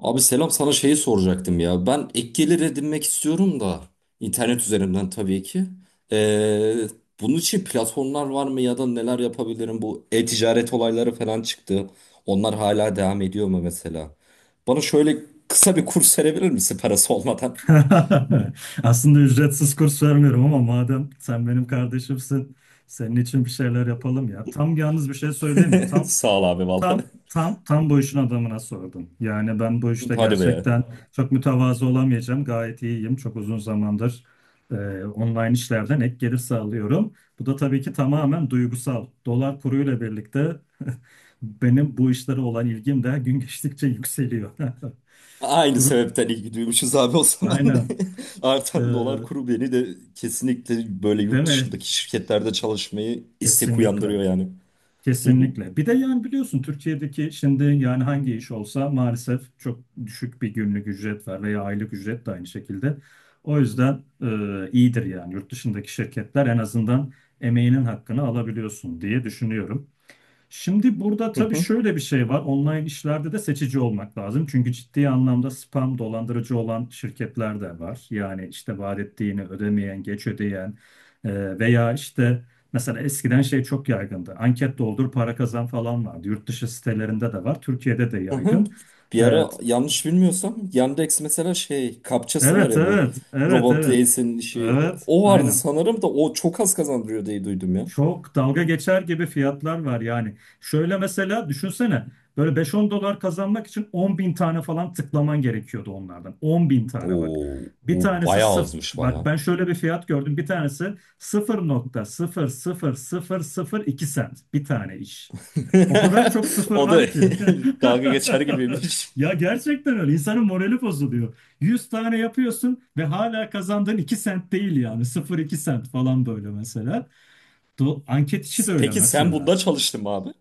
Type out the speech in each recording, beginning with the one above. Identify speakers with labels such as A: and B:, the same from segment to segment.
A: Abi selam, sana şeyi soracaktım ya. Ben ek gelir edinmek istiyorum da internet üzerinden tabii ki. Ee, Bunun için platformlar var mı ya da neler yapabilirim? Bu e-ticaret olayları falan çıktı. Onlar hala devam ediyor mu mesela? Bana şöyle kısa bir kurs verebilir misin parası olmadan?
B: Aslında ücretsiz kurs vermiyorum ama madem sen benim kardeşimsin, senin için bir şeyler yapalım ya. Tam yalnız bir şey söyleyeyim mi?
A: Sağ ol abi
B: Tam
A: vallahi.
B: tam bu işin adamına sordum. Yani ben bu işte
A: Hadi be.
B: gerçekten çok mütevazı olamayacağım. Gayet iyiyim. Çok uzun zamandır e, online işlerden ek gelir sağlıyorum. Bu da tabii ki tamamen duygusal. Dolar kuruyla birlikte benim bu işlere olan ilgim de gün geçtikçe yükseliyor.
A: Aynı
B: Kuru,
A: sebepten ilgi duymuşuz abi o zaman.
B: aynen. E,
A: Artan dolar kuru beni de kesinlikle böyle
B: Değil
A: yurt
B: mi?
A: dışındaki şirketlerde çalışmayı istek
B: Kesinlikle.
A: uyandırıyor yani. Hı hı,
B: Kesinlikle. Bir de yani biliyorsun Türkiye'deki şimdi yani hangi iş olsa maalesef çok düşük bir günlük ücret var veya aylık ücret de aynı şekilde. O yüzden iyidir yani yurt dışındaki şirketler en azından emeğinin hakkını alabiliyorsun diye düşünüyorum. Şimdi burada
A: hı
B: tabii
A: hı,
B: şöyle bir şey var. Online işlerde de seçici olmak lazım. Çünkü ciddi anlamda spam dolandırıcı olan şirketler de var. Yani işte vaat ettiğini ödemeyen, geç ödeyen veya işte mesela eskiden şey çok yaygındı. Anket doldur, para kazan falan vardı. Yurt dışı sitelerinde de var. Türkiye'de de
A: hı hı.
B: yaygın.
A: Bir ara,
B: Evet,
A: yanlış bilmiyorsam, Yandex mesela, şey, kapçası var
B: evet,
A: ya, bu
B: evet, evet,
A: robot
B: evet.
A: değilsin işi,
B: Evet,
A: o vardı
B: aynen.
A: sanırım da o çok az kazandırıyor diye duydum ya.
B: Çok dalga geçer gibi fiyatlar var yani. Şöyle mesela düşünsene böyle beş on dolar kazanmak için 10.000 tane falan tıklaman gerekiyordu onlardan. 10.000 tane bak.
A: Oo,
B: Bir
A: o
B: tanesi
A: bayağı
B: sıfır.
A: azmış,
B: Bak
A: baya.
B: ben şöyle bir fiyat gördüm. Bir tanesi 0,00002 sent. Bir tane iş. O kadar çok sıfır
A: O da
B: var ki.
A: dalga geçer gibiymiş.
B: Ya gerçekten öyle. İnsanın morali bozuluyor. 100 tane yapıyorsun ve hala kazandığın 2 sent değil yani. 0,2 sent falan böyle mesela. Anket işi de öyle
A: Peki sen
B: mesela.
A: bunda çalıştın mı abi?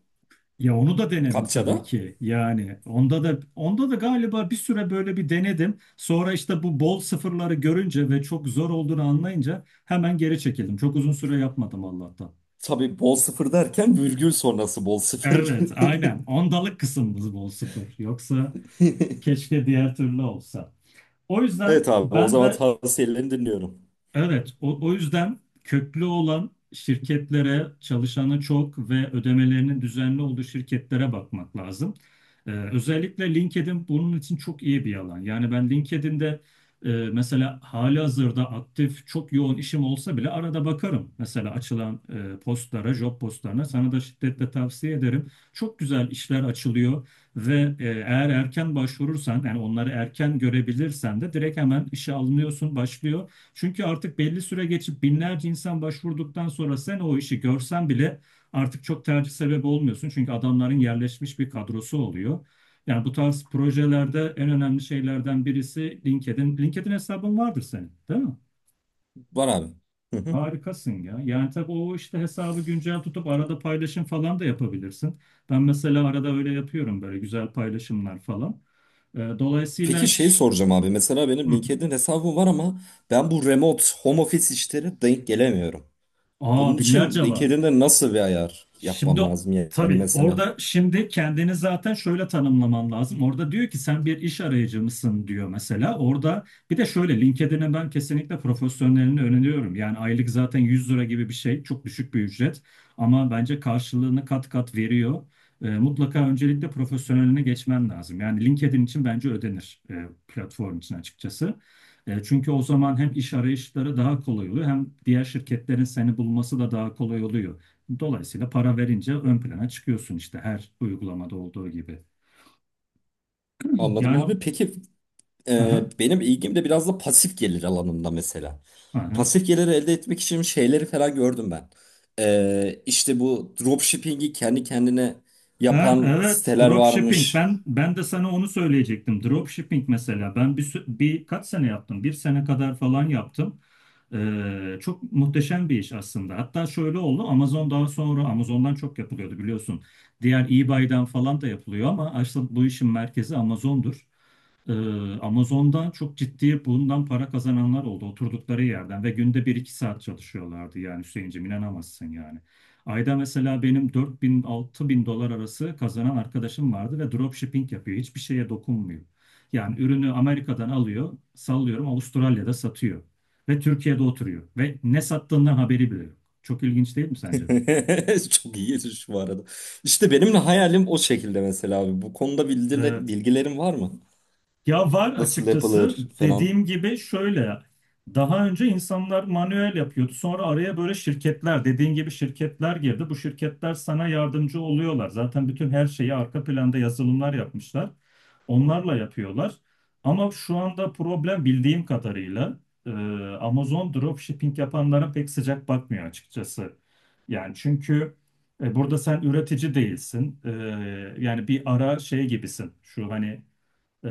B: Ya onu da denedim tabii
A: Kapçada?
B: ki. Yani onda da galiba bir süre böyle bir denedim. Sonra işte bu bol sıfırları görünce ve çok zor olduğunu anlayınca hemen geri çekildim. Çok uzun süre yapmadım Allah'tan.
A: Tabii, bol sıfır derken virgül sonrası bol sıfır.
B: Evet, aynen. Ondalık kısmımız bol sıfır. Yoksa keşke diğer türlü olsa. O yüzden
A: Evet abi, o
B: ben
A: zaman
B: de.
A: tavsiyelerini dinliyorum.
B: Evet, o yüzden köklü olan şirketlere çalışanı çok ve ödemelerinin düzenli olduğu şirketlere bakmak lazım. Özellikle LinkedIn bunun için çok iyi bir alan. Yani ben LinkedIn'de mesela halihazırda aktif çok yoğun işim olsa bile arada bakarım. Mesela açılan postlara, job postlarına sana da şiddetle tavsiye ederim. Çok güzel işler açılıyor ve eğer erken başvurursan yani onları erken görebilirsen de direkt hemen işe alınıyorsun, başlıyor. Çünkü artık belli süre geçip binlerce insan başvurduktan sonra sen o işi görsen bile artık çok tercih sebebi olmuyorsun. Çünkü adamların yerleşmiş bir kadrosu oluyor. Yani bu tarz projelerde en önemli şeylerden birisi LinkedIn. LinkedIn hesabın vardır senin, değil mi?
A: Var abi.
B: Harikasın ya. Yani tabii o işte hesabı güncel tutup arada paylaşım falan da yapabilirsin. Ben mesela arada öyle yapıyorum böyle güzel paylaşımlar falan.
A: Peki
B: Dolayısıyla...
A: şey soracağım abi. Mesela
B: Hı.
A: benim LinkedIn hesabım var ama ben bu remote home office işleri denk gelemiyorum. Bunun
B: Aa,
A: için
B: binlerce var.
A: LinkedIn'de nasıl bir ayar
B: Şimdi
A: yapmam lazım yani
B: tabii
A: mesela?
B: orada şimdi kendini zaten şöyle tanımlaman lazım. Orada diyor ki sen bir iş arayıcı mısın diyor mesela. Orada bir de şöyle LinkedIn'e ben kesinlikle profesyonelini öneriyorum. Yani aylık zaten 100 lira gibi bir şey. Çok düşük bir ücret. Ama bence karşılığını kat kat veriyor. Mutlaka öncelikle profesyoneline geçmen lazım. Yani LinkedIn için bence ödenir platform için açıkçası. Çünkü o zaman hem iş arayışları daha kolay oluyor hem diğer şirketlerin seni bulması da daha kolay oluyor. Dolayısıyla para verince ön plana çıkıyorsun işte her uygulamada olduğu gibi.
A: Anladım
B: Yani
A: abi. Peki,
B: aha,
A: benim ilgim de biraz da pasif gelir alanında mesela.
B: aha.
A: Pasif gelir elde etmek için şeyleri falan gördüm ben. E, işte bu dropshipping'i kendi kendine
B: Ha,
A: yapan
B: evet,
A: siteler
B: dropshipping
A: varmış.
B: ben de sana onu söyleyecektim. Dropshipping mesela ben bir kaç sene yaptım, bir sene kadar falan yaptım. Çok muhteşem bir iş aslında, hatta şöyle oldu. Amazon daha sonra Amazon'dan çok yapılıyordu biliyorsun, diğer eBay'den falan da yapılıyor ama aslında bu işin merkezi Amazon'dur. Ee, Amazon'dan çok ciddi bundan para kazananlar oldu oturdukları yerden ve günde bir iki saat çalışıyorlardı. Yani Hüseyin'cim inanamazsın yani. Ayda mesela benim 4000 bin dolar arası kazanan arkadaşım vardı ve dropshipping yapıyor. Hiçbir şeye dokunmuyor. Yani ürünü Amerika'dan alıyor, sallıyorum Avustralya'da satıyor ve Türkiye'de oturuyor ve ne sattığından haberi bile yok. Çok ilginç değil mi sence
A: Çok iyi, yetiş bu arada. İşte benim de hayalim o şekilde mesela abi. Bu konuda
B: de?
A: bilgilerin var mı?
B: Ya var
A: Nasıl
B: açıkçası,
A: yapılır falan.
B: dediğim gibi şöyle, daha önce insanlar manuel yapıyordu, sonra araya böyle şirketler, dediğin gibi şirketler girdi. Bu şirketler sana yardımcı oluyorlar, zaten bütün her şeyi arka planda yazılımlar yapmışlar, onlarla yapıyorlar. Ama şu anda problem, bildiğim kadarıyla e, Amazon dropshipping yapanlara pek sıcak bakmıyor açıkçası. Yani çünkü burada sen üretici değilsin. Yani bir ara şey gibisin şu hani e,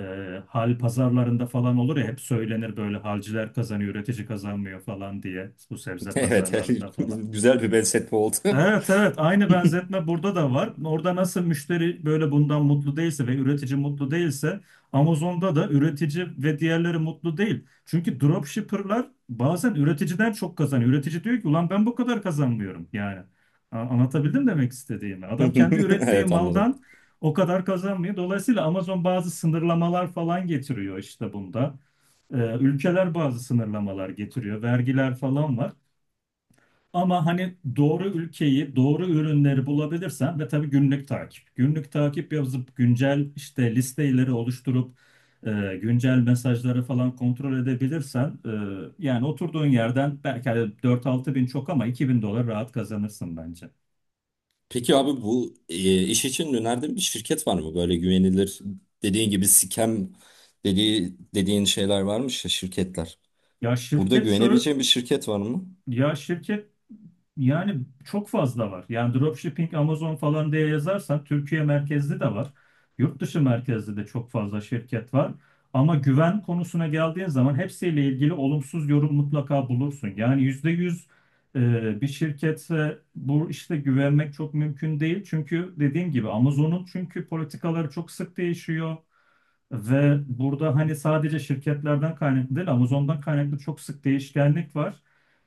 B: hal pazarlarında falan olur ya, hep söylenir böyle, halciler kazanıyor, üretici kazanmıyor falan diye, bu sebze
A: Evet,
B: pazarlarında falan.
A: güzel bir benzetme oldu.
B: Evet evet, aynı benzetme burada da var. Orada nasıl müşteri böyle bundan mutlu değilse ve üretici mutlu değilse, Amazon'da da üretici ve diğerleri mutlu değil. Çünkü dropshipper'lar bazen üreticiden çok kazanıyor. Üretici diyor ki ulan ben bu kadar kazanmıyorum yani. Anlatabildim demek istediğimi. Adam kendi ürettiği
A: Evet, anladım.
B: maldan o kadar kazanmıyor. Dolayısıyla Amazon bazı sınırlamalar falan getiriyor işte bunda. Ülkeler bazı sınırlamalar getiriyor. Vergiler falan var. Ama hani doğru ülkeyi, doğru ürünleri bulabilirsen ve tabii günlük takip. Günlük takip yazıp güncel işte listeleri oluşturup e, güncel mesajları falan kontrol edebilirsen yani oturduğun yerden belki hani 4-6 bin çok ama 2 bin dolar rahat kazanırsın bence.
A: Peki abi, bu iş için önerdiğin bir şirket var mı? Böyle güvenilir, dediğin gibi scam dediğin şeyler varmış ya, şirketler.
B: Ya
A: Burada
B: şirket şöyle,
A: güvenebileceğin bir şirket var mı?
B: Ya şirket yani çok fazla var. Yani dropshipping Amazon falan diye yazarsan Türkiye merkezli de var. Yurt dışı merkezli de çok fazla şirket var. Ama güven konusuna geldiğin zaman hepsiyle ilgili olumsuz yorum mutlaka bulursun. Yani %100 bir şirkete bu işte güvenmek çok mümkün değil. Çünkü dediğim gibi Amazon'un çünkü politikaları çok sık değişiyor. Ve burada hani sadece şirketlerden kaynaklı değil, Amazon'dan kaynaklı çok sık değişkenlik var.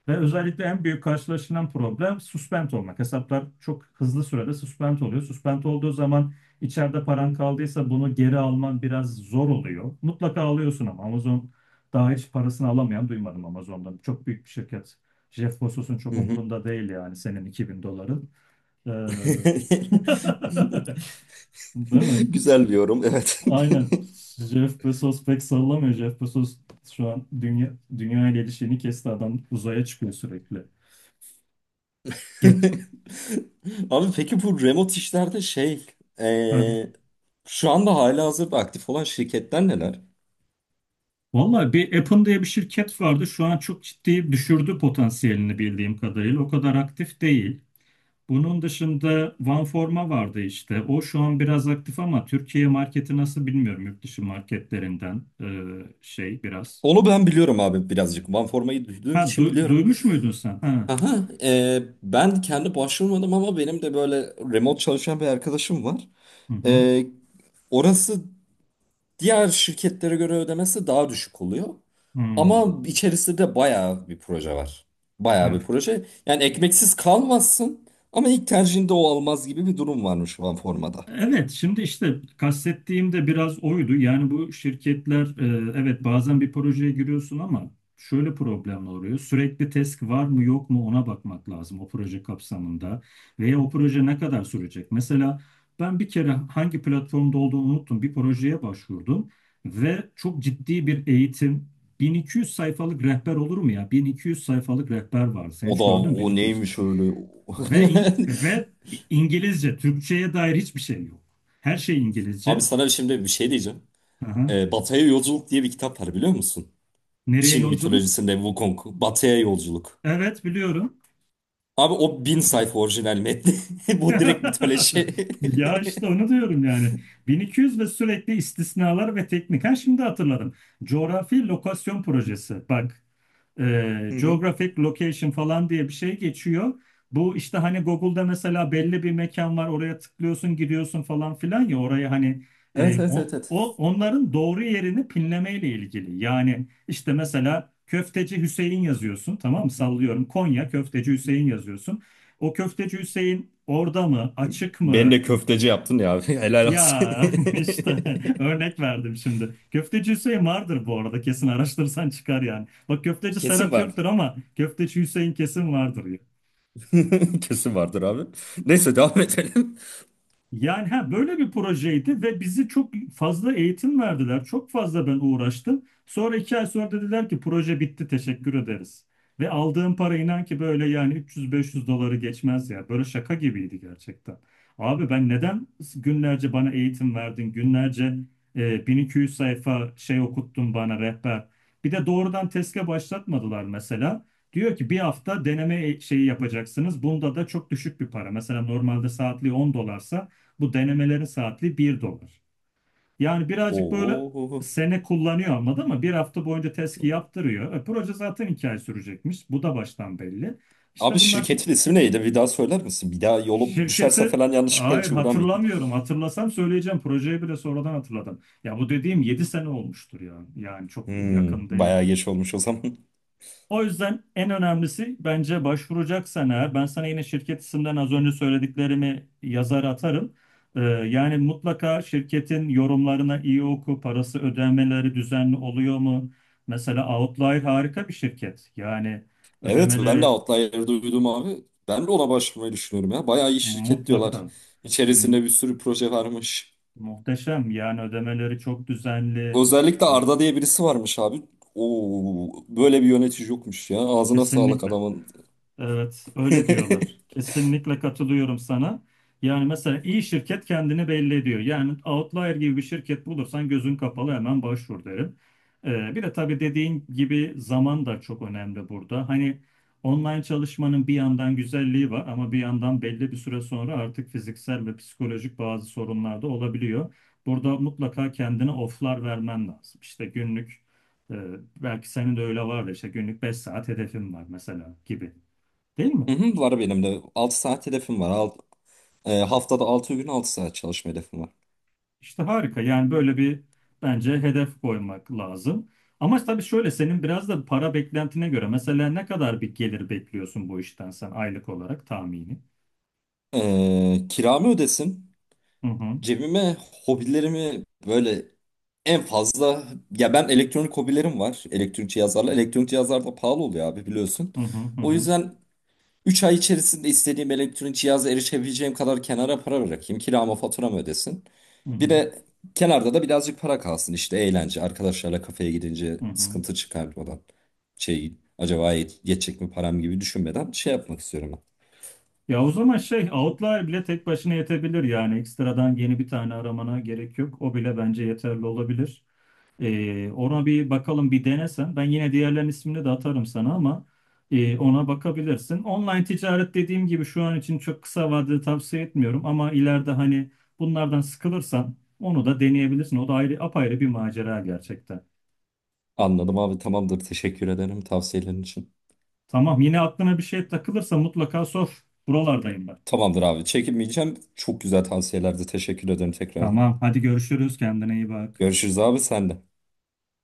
B: Ve özellikle en büyük karşılaşılan problem suspend olmak. Hesaplar çok hızlı sürede suspend oluyor. Suspend olduğu zaman içeride paran kaldıysa bunu geri alman biraz zor oluyor. Mutlaka alıyorsun ama Amazon, daha hiç parasını alamayan duymadım Amazon'dan. Çok büyük bir şirket. Jeff Bezos'un
A: Hı
B: çok
A: hı.
B: umurunda değil yani senin 2000 doların. Ee, Değil mi?
A: Güzel bir yorum, evet.
B: Aynen. Jeff Bezos pek sallamıyor. Jeff Bezos şu an dünya ile ilişkini kesti, adam uzaya çıkıyor sürekli. Get.
A: Abi peki, bu remote işlerde şey,
B: Ha.
A: eee, şu anda halihazırda aktif olan şirketler neler?
B: Vallahi bir Apple diye bir şirket vardı. Şu an çok ciddi düşürdü potansiyelini bildiğim kadarıyla. O kadar aktif değil. Bunun dışında OneForma vardı işte. O şu an biraz aktif ama Türkiye marketi nasıl bilmiyorum. Yurt dışı marketlerinden şey biraz.
A: Onu ben biliyorum abi, birazcık. OneForma'yı duyduğum
B: Ha,
A: için biliyorum.
B: duymuş muydun sen? Ha.
A: Aha, ben kendi başvurmadım ama benim de böyle remote çalışan bir arkadaşım var.
B: Hı hı.
A: Eee, Orası diğer şirketlere göre ödemesi daha düşük oluyor.
B: Hmm.
A: Ama içerisinde de bayağı bir proje var. Bayağı
B: Evet.
A: bir proje. Yani ekmeksiz kalmazsın ama ilk tercihinde o almaz gibi bir durum varmış OneForma'da.
B: Evet, şimdi işte kastettiğim de biraz oydu. Yani bu şirketler, evet, bazen bir projeye giriyorsun ama şöyle problemler oluyor. Sürekli test var mı yok mu, ona bakmak lazım o proje kapsamında. Veya o proje ne kadar sürecek? Mesela ben bir kere hangi platformda olduğunu unuttum. Bir projeye başvurdum ve çok ciddi bir eğitim. 1200 sayfalık rehber olur mu ya? 1200 sayfalık rehber var. Sen
A: O
B: hiç
A: da,
B: gördün mü
A: o
B: 1200?
A: neymiş öyle.
B: Ve in- ve İngilizce, Türkçe'ye dair hiçbir şey yok. Her şey
A: Abi
B: İngilizce.
A: sana şimdi bir şey diyeceğim.
B: Aha.
A: Batı'ya Yolculuk diye bir kitap var, biliyor musun?
B: Nereye
A: Çin
B: yolculuk?
A: mitolojisinde Wukong. Batı'ya Yolculuk.
B: Evet biliyorum.
A: Abi, o bin sayfa orijinal metni. Bu direkt mitoloji.
B: Ya işte onu diyorum yani. 1200 ve sürekli istisnalar ve teknik. Ha şimdi hatırladım. Coğrafi lokasyon projesi. Bak
A: Hı hı.
B: geographic location falan diye bir şey geçiyor. Bu işte hani Google'da mesela belli bir mekan var, oraya tıklıyorsun gidiyorsun falan filan ya, oraya hani
A: Evet, evet, evet, evet.
B: onların doğru yerini pinlemeyle ilgili. Yani işte mesela Köfteci Hüseyin yazıyorsun tamam mı, sallıyorum Konya Köfteci Hüseyin yazıyorsun. O Köfteci Hüseyin orada mı, açık
A: Beni
B: mı
A: de köfteci yaptın ya abi. Helal olsun.
B: ya? işte örnek verdim şimdi. Köfteci Hüseyin vardır bu arada, kesin araştırırsan çıkar yani. Bak köfteci
A: Kesin
B: Serhat yoktur
A: vardır.
B: ama köfteci Hüseyin kesin vardır.
A: Kesin vardır abi. Neyse, devam edelim.
B: Yani ha, böyle bir projeydi ve bizi çok fazla eğitim verdiler. Çok fazla ben uğraştım. Sonra 2 ay sonra dediler ki proje bitti, teşekkür ederiz. Ve aldığım para, inan ki böyle yani 300-500 doları geçmez ya. Böyle şaka gibiydi gerçekten. Abi ben neden günlerce bana eğitim verdin? Günlerce 1200 sayfa şey okuttun bana, rehber. Bir de doğrudan TESK'e başlatmadılar mesela. Diyor ki bir hafta deneme şeyi yapacaksınız. Bunda da çok düşük bir para. Mesela normalde saatli 10 dolarsa bu denemelerin saatli 1 dolar. Yani birazcık böyle
A: Oo.
B: sene kullanıyor, anladın, ama bir hafta boyunca testi yaptırıyor. Proje zaten 2 ay sürecekmiş. Bu da baştan belli. İşte
A: Abi,
B: bunlar.
A: şirketin ismi neydi? Bir daha söyler misin? Bir daha yolu düşerse
B: Şirketi
A: falan yanlışlıkla
B: hayır
A: hiç uğramayayım.
B: hatırlamıyorum. Hatırlasam söyleyeceğim. Projeyi bile sonradan hatırladım. Ya bu dediğim 7 sene olmuştur ya. Yani çok
A: Hmm,
B: yakın değil.
A: bayağı geç olmuş o zaman.
B: O yüzden en önemlisi bence, başvuracaksan eğer, ben sana yine şirket isimden az önce söylediklerimi yazar atarım. Yani mutlaka şirketin yorumlarına iyi oku, parası ödemeleri düzenli oluyor mu? Mesela Outlier harika bir şirket. Yani
A: Evet, ben de
B: ödemeleri
A: Outlier'ı duydum abi. Ben de ona başvurmayı düşünüyorum ya. Bayağı iyi şirket diyorlar.
B: mutlaka mu-
A: İçerisinde bir sürü proje varmış.
B: muhteşem. Yani ödemeleri çok düzenli.
A: Özellikle Arda diye birisi varmış abi. Oo, böyle bir yönetici yokmuş ya. Ağzına sağlık
B: Kesinlikle.
A: adamın.
B: Evet, öyle diyorlar. Kesinlikle katılıyorum sana. Yani mesela iyi şirket kendini belli ediyor. Yani Outlier gibi bir şirket bulursan gözün kapalı hemen başvur derim. Bir de tabii dediğin gibi zaman da çok önemli burada. Hani online çalışmanın bir yandan güzelliği var ama bir yandan belli bir süre sonra artık fiziksel ve psikolojik bazı sorunlar da olabiliyor. Burada mutlaka kendine off'lar vermen lazım. İşte günlük, e, belki senin de öyle vardır. İşte günlük 5 saat hedefim var mesela gibi. Değil
A: Hı
B: mi?
A: hı, var benim de. Altı saat hedefim var. Haftada 6 gün 6 saat çalışma hedefim var.
B: İşte harika. Yani böyle bir bence hedef koymak lazım. Ama tabii şöyle senin biraz da para beklentine göre, mesela ne kadar bir gelir bekliyorsun bu işten sen aylık olarak tahmini?
A: E, kiramı ödesin.
B: Hı hı,
A: Cebime, hobilerimi böyle, en fazla, ya ben, elektronik hobilerim var. Elektronik cihazlarla. Elektronik cihazlar da pahalı oluyor abi, biliyorsun.
B: hı hı, hı
A: O
B: hı,
A: yüzden 3 ay içerisinde istediğim elektronik cihaza erişebileceğim kadar kenara para bırakayım. Kiramı, faturamı ödesin.
B: hı
A: Bir
B: hı,
A: de kenarda da birazcık para kalsın, işte eğlence. Arkadaşlarla kafeye gidince
B: hı.
A: sıkıntı çıkarmadan, şey, acaba yetecek mi param gibi düşünmeden şey yapmak istiyorum ben.
B: Ya o zaman şey, Outlier bile tek başına yetebilir yani, ekstradan yeni bir tane aramana gerek yok. O bile bence yeterli olabilir. Ona bir bakalım, bir denesen. Ben yine diğerlerin ismini de atarım sana ama ona bakabilirsin. Online ticaret, dediğim gibi, şu an için çok kısa vadede tavsiye etmiyorum ama ileride hani bunlardan sıkılırsan onu da deneyebilirsin. O da ayrı apayrı bir macera gerçekten.
A: Anladım abi, tamamdır, teşekkür ederim tavsiyelerin için.
B: Tamam, yine aklına bir şey takılırsa mutlaka sor. Buralardayım ben.
A: Tamamdır abi. Çekinmeyeceğim. Çok güzel tavsiyelerdi. Teşekkür ederim tekrardan.
B: Tamam, hadi görüşürüz, kendine iyi bak.
A: Görüşürüz abi, sen de.